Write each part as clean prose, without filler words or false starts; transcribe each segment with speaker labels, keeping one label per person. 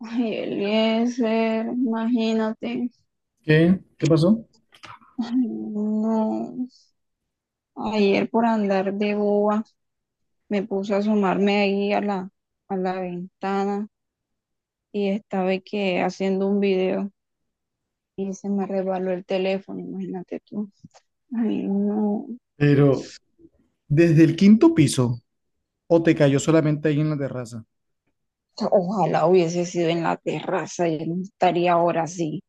Speaker 1: Ay, Eliezer, imagínate.
Speaker 2: ¿Qué? ¿Qué pasó?
Speaker 1: Ay, no. Ayer por andar de boba me puse a asomarme ahí a la ventana y estaba que haciendo un video y se me resbaló el teléfono, imagínate tú. Ay, no.
Speaker 2: Pero desde el quinto piso, o te cayó solamente ahí en la terraza.
Speaker 1: Ojalá hubiese sido en la terraza, yo no estaría ahora así.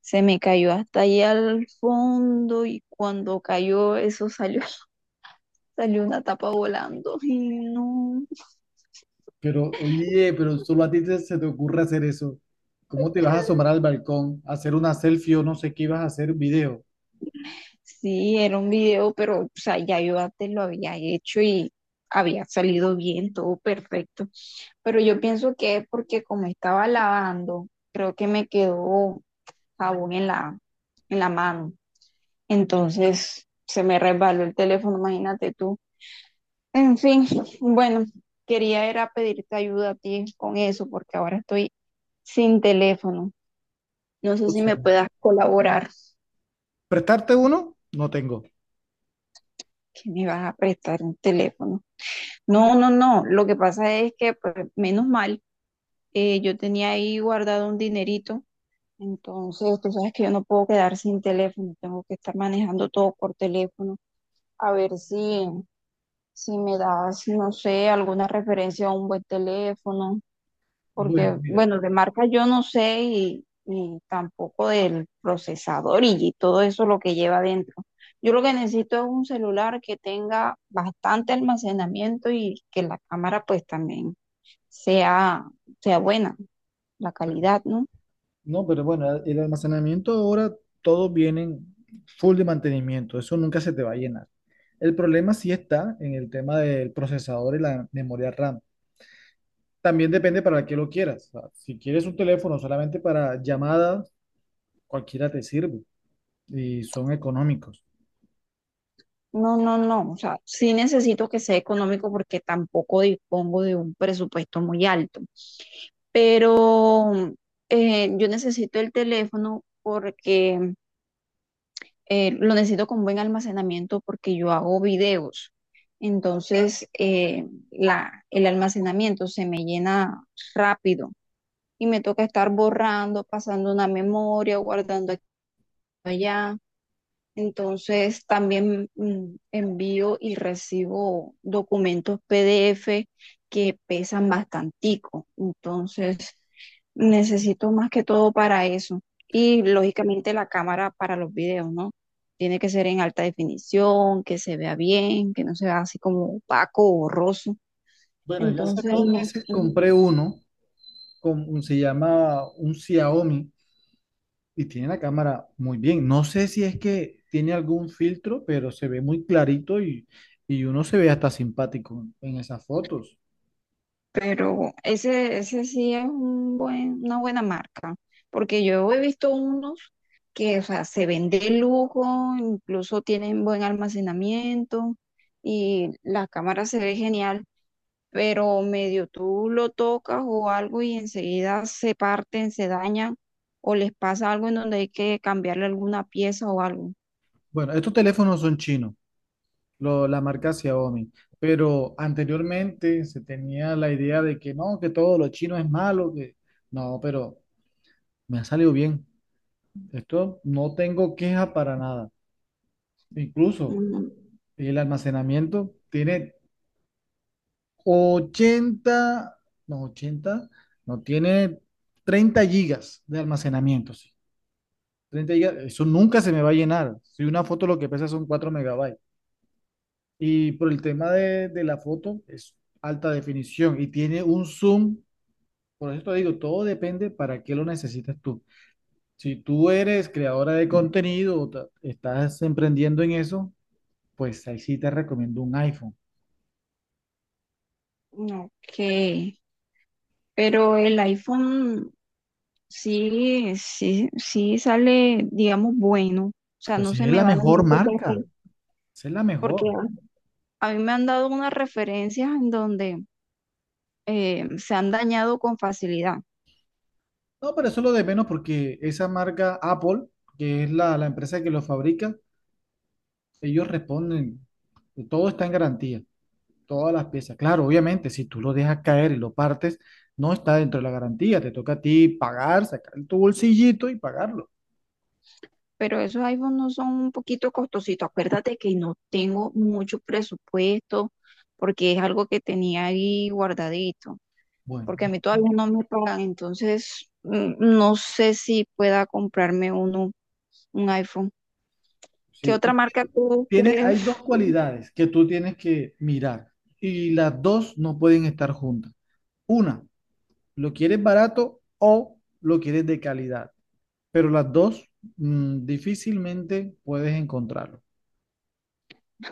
Speaker 1: Se me cayó hasta allá al fondo y cuando cayó eso salió, salió una tapa volando. Ay, no.
Speaker 2: Pero, oye, pero solo a ti se te ocurre hacer eso. ¿Cómo te vas a asomar al balcón, a hacer una selfie o no sé qué ibas a hacer, video?
Speaker 1: Sí, era un video, pero o sea, ya yo antes lo había hecho y había salido bien, todo perfecto. Pero yo pienso que es porque como estaba lavando, creo que me quedó jabón en la mano. Entonces se me resbaló el teléfono, imagínate tú. En fin, bueno, quería era pedirte ayuda a ti con eso porque ahora estoy sin teléfono. No sé
Speaker 2: O
Speaker 1: si
Speaker 2: sea,
Speaker 1: me puedas colaborar,
Speaker 2: ¿prestarte uno? No tengo.
Speaker 1: que me vas a prestar un teléfono. No, no, no. Lo que pasa es que, pues, menos mal, yo tenía ahí guardado un dinerito. Entonces, tú sabes que yo no puedo quedar sin teléfono. Tengo que estar manejando todo por teléfono. A ver si me das, no sé, alguna referencia a un buen teléfono.
Speaker 2: Bueno,
Speaker 1: Porque,
Speaker 2: mira,
Speaker 1: bueno, de marca yo no sé y tampoco del procesador y todo eso lo que lleva adentro. Yo lo que necesito es un celular que tenga bastante almacenamiento y que la cámara pues también sea, sea buena la
Speaker 2: pe-
Speaker 1: calidad, ¿no?
Speaker 2: no, pero bueno, el almacenamiento ahora todos vienen full de mantenimiento, eso nunca se te va a llenar. El problema sí está en el tema del procesador y la memoria RAM. También depende para qué lo quieras. O sea, si quieres un teléfono solamente para llamadas, cualquiera te sirve y son económicos.
Speaker 1: No, no, no, o sea, sí necesito que sea económico porque tampoco dispongo de un presupuesto muy alto, pero yo necesito el teléfono porque lo necesito con buen almacenamiento porque yo hago videos. Entonces, el almacenamiento se me llena rápido y me toca estar borrando, pasando una memoria, guardando aquí y allá. Entonces también envío y recibo documentos PDF que pesan bastantico. Entonces necesito más que todo para eso. Y lógicamente la cámara para los videos, ¿no? Tiene que ser en alta definición, que se vea bien, que no se vea así como opaco o borroso.
Speaker 2: Bueno, ya hace
Speaker 1: Entonces,
Speaker 2: dos
Speaker 1: no,
Speaker 2: meses
Speaker 1: no.
Speaker 2: compré uno, se llama un Xiaomi y tiene la cámara muy bien. No sé si es que tiene algún filtro, pero se ve muy clarito y uno se ve hasta simpático en esas fotos.
Speaker 1: Pero ese sí es un buen, una buena marca, porque yo he visto unos que, o sea, se vende de lujo, incluso tienen buen almacenamiento y la cámara se ve genial, pero medio tú lo tocas o algo y enseguida se parten, se dañan o les pasa algo en donde hay que cambiarle alguna pieza o algo.
Speaker 2: Bueno, estos teléfonos son chinos. La marca Xiaomi. Pero anteriormente se tenía la idea de que no, que todo lo chino es malo, que no, pero me ha salido bien. Esto no tengo queja para nada. Incluso
Speaker 1: Mm,
Speaker 2: el almacenamiento tiene 80, no, 80, no, tiene 30 GB de almacenamiento, sí. 30 gigas, eso nunca se me va a llenar. Si una foto lo que pesa son 4 MB. Y por el tema de la foto, es alta definición y tiene un zoom. Por eso te digo, todo depende para qué lo necesitas tú. Si tú eres creadora de contenido o estás emprendiendo en eso, pues ahí sí te recomiendo un iPhone.
Speaker 1: ok, pero el iPhone... Sí, sí, sí sale, digamos, bueno. O sea, no
Speaker 2: Pues
Speaker 1: se
Speaker 2: es
Speaker 1: me
Speaker 2: la
Speaker 1: va a
Speaker 2: mejor
Speaker 1: dañar porque,
Speaker 2: marca, esa es la
Speaker 1: porque
Speaker 2: mejor.
Speaker 1: a mí me han dado unas referencias en donde se han dañado con facilidad.
Speaker 2: No, pero eso es lo de menos porque esa marca Apple, que es la, la empresa que lo fabrica, ellos responden, todo está en garantía. Todas las piezas. Claro, obviamente, si tú lo dejas caer y lo partes, no está dentro de la garantía. Te toca a ti pagar, sacar tu bolsillito y pagarlo.
Speaker 1: Pero esos iPhones no son un poquito costositos. Acuérdate que no tengo mucho presupuesto porque es algo que tenía ahí guardadito.
Speaker 2: Bueno,
Speaker 1: Porque a mí todavía no me pagan. Entonces, no sé si pueda comprarme uno, un iPhone. ¿Qué
Speaker 2: sí.
Speaker 1: otra marca tú
Speaker 2: Tiene,
Speaker 1: crees?
Speaker 2: hay dos cualidades que tú tienes que mirar y las dos no pueden estar juntas. Una, lo quieres barato o lo quieres de calidad, pero las dos difícilmente puedes encontrarlo.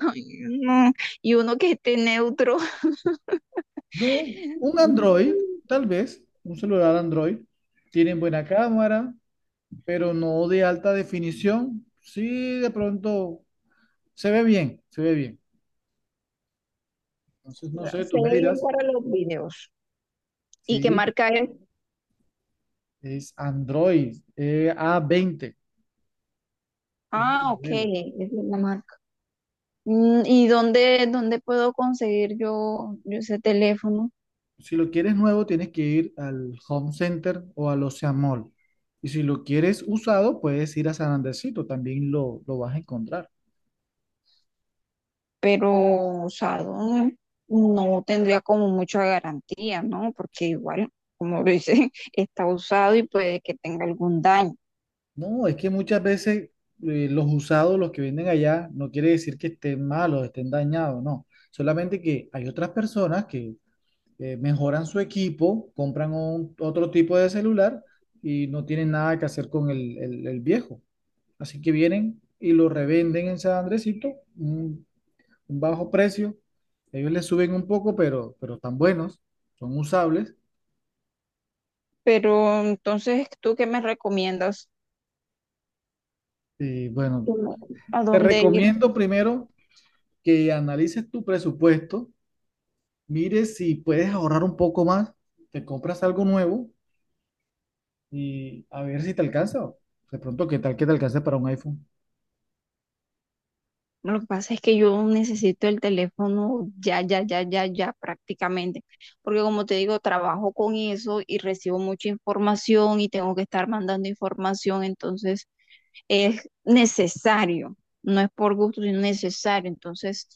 Speaker 1: Ay, no. Y uno que esté neutro.
Speaker 2: No, un Android, tal vez, un celular Android, tienen buena cámara, pero no de alta definición. Sí, de pronto se ve bien, se ve bien. Entonces, no sé, tú
Speaker 1: Se
Speaker 2: me
Speaker 1: ve bien
Speaker 2: dirás.
Speaker 1: para los videos. ¿Y qué
Speaker 2: Sí,
Speaker 1: marca es?
Speaker 2: es Android, A20, es el
Speaker 1: Ah, ok,
Speaker 2: modelo.
Speaker 1: es la marca. Mm, ¿y dónde, dónde puedo conseguir yo ese teléfono?
Speaker 2: Si lo quieres nuevo, tienes que ir al Home Center o al Ocean Mall. Y si lo quieres usado, puedes ir a San Andresito, también lo vas a encontrar.
Speaker 1: Pero usado no tendría como mucha garantía, ¿no? Porque igual, como lo dice, está usado y puede que tenga algún daño.
Speaker 2: No, es que muchas veces los usados, los que venden allá, no quiere decir que estén malos, estén dañados, no. Solamente que hay otras personas que mejoran su equipo, compran otro tipo de celular y no tienen nada que hacer con el viejo. Así que vienen y lo revenden en San Andresito, un, un bajo precio. Ellos les suben un poco, pero están buenos, son usables.
Speaker 1: Pero entonces, ¿tú qué me recomiendas?
Speaker 2: Y bueno,
Speaker 1: ¿Tú ¿a
Speaker 2: te
Speaker 1: dónde ir?
Speaker 2: recomiendo primero que analices tu presupuesto, mires si puedes ahorrar un poco más, te compras algo nuevo y a ver si te alcanza. De pronto, ¿qué tal que te alcance para un iPhone?
Speaker 1: Lo que pasa es que yo necesito el teléfono ya, ya, ya, ya, ya prácticamente, porque como te digo, trabajo con eso y recibo mucha información y tengo que estar mandando información, entonces es necesario, no es por gusto, sino necesario. Entonces,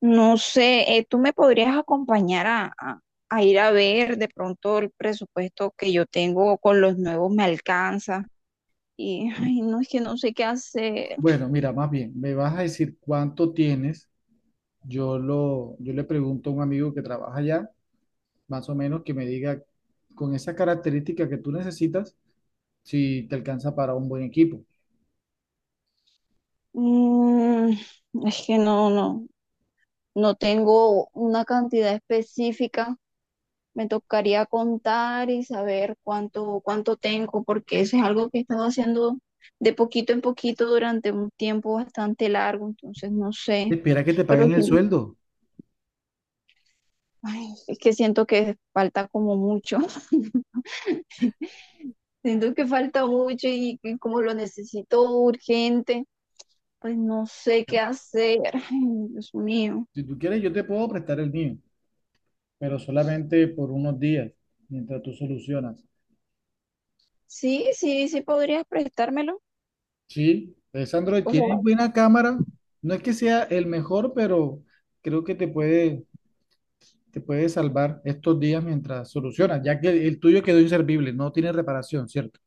Speaker 1: no sé, tú me podrías acompañar a ir a ver de pronto el presupuesto que yo tengo con los nuevos me alcanza. Y ay, no es que no sé qué hacer.
Speaker 2: Bueno, mira, más bien, me vas a decir cuánto tienes. Yo lo, yo le pregunto a un amigo que trabaja allá, más o menos, que me diga con esa característica que tú necesitas, si te alcanza para un buen equipo.
Speaker 1: Mm, es que no, no, no tengo una cantidad específica. Me tocaría contar y saber cuánto, cuánto tengo, porque eso es algo que he estado haciendo de poquito en poquito durante un tiempo bastante largo, entonces no sé.
Speaker 2: Espera que te
Speaker 1: Pero
Speaker 2: paguen
Speaker 1: sí,
Speaker 2: el sueldo.
Speaker 1: ay, es que siento que falta como mucho. Siento que falta mucho y como lo necesito urgente, pues no sé qué
Speaker 2: No,
Speaker 1: hacer. Ay, Dios mío.
Speaker 2: si tú quieres, yo te puedo prestar el mío, pero solamente por unos días, mientras tú solucionas.
Speaker 1: Sí, sí, sí podrías prestármelo.
Speaker 2: Sí, es Android,
Speaker 1: O sea,
Speaker 2: tiene buena cámara. No es que sea el mejor, pero creo que te puede salvar estos días mientras solucionas, ya que el tuyo quedó inservible, no tiene reparación, ¿cierto?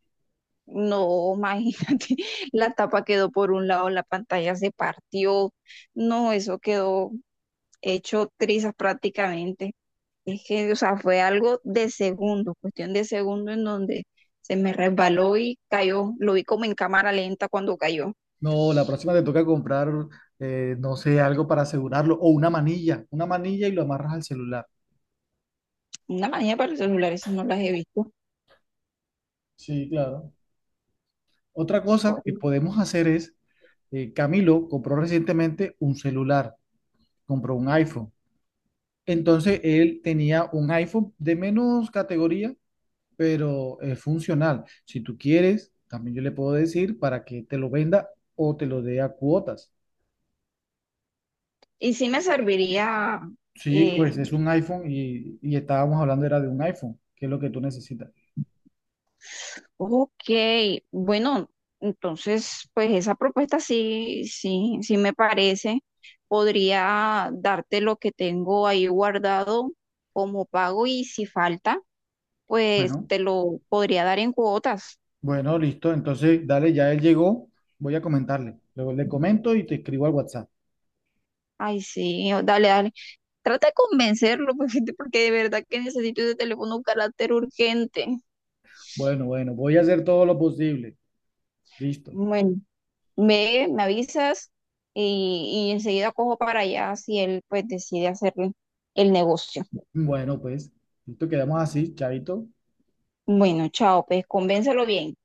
Speaker 1: no, imagínate, la tapa quedó por un lado, la pantalla se partió. No, eso quedó hecho trizas prácticamente. Es que, o sea, fue algo de segundo, cuestión de segundo en donde se me resbaló y cayó. Lo vi como en cámara lenta cuando cayó.
Speaker 2: No, la próxima te toca comprar, no sé, algo para asegurarlo o una manilla y lo amarras al celular.
Speaker 1: Una manía para el celular, eso no las he visto.
Speaker 2: Sí, claro. Otra cosa que
Speaker 1: Bueno,
Speaker 2: podemos hacer es Camilo compró recientemente un celular, compró un iPhone. Entonces él tenía un iPhone de menos categoría, pero es funcional. Si tú quieres, también yo le puedo decir para que te lo venda o te lo dé a cuotas.
Speaker 1: y sí me serviría
Speaker 2: Sí,
Speaker 1: eh,
Speaker 2: pues es un iPhone y estábamos hablando era de un iPhone, que es lo que tú necesitas.
Speaker 1: Ok, bueno, entonces, pues esa propuesta sí, sí, sí me parece. Podría darte lo que tengo ahí guardado como pago y si falta, pues
Speaker 2: Bueno,
Speaker 1: te lo podría dar en cuotas.
Speaker 2: bueno, listo. Entonces, dale, ya él llegó. Voy a comentarle. Luego le comento y te escribo al WhatsApp.
Speaker 1: Ay, sí, o- dale, dale. Trata de convencerlo, pues, porque de verdad que necesito ese teléfono un carácter urgente.
Speaker 2: Bueno, bueno, voy a hacer todo lo posible. Listo.
Speaker 1: Bueno, me avisas y enseguida cojo para allá si él, pues, decide hacer el negocio.
Speaker 2: Bueno, pues, listo, quedamos así, chavito.
Speaker 1: Bueno, chao, pues convéncelo bien.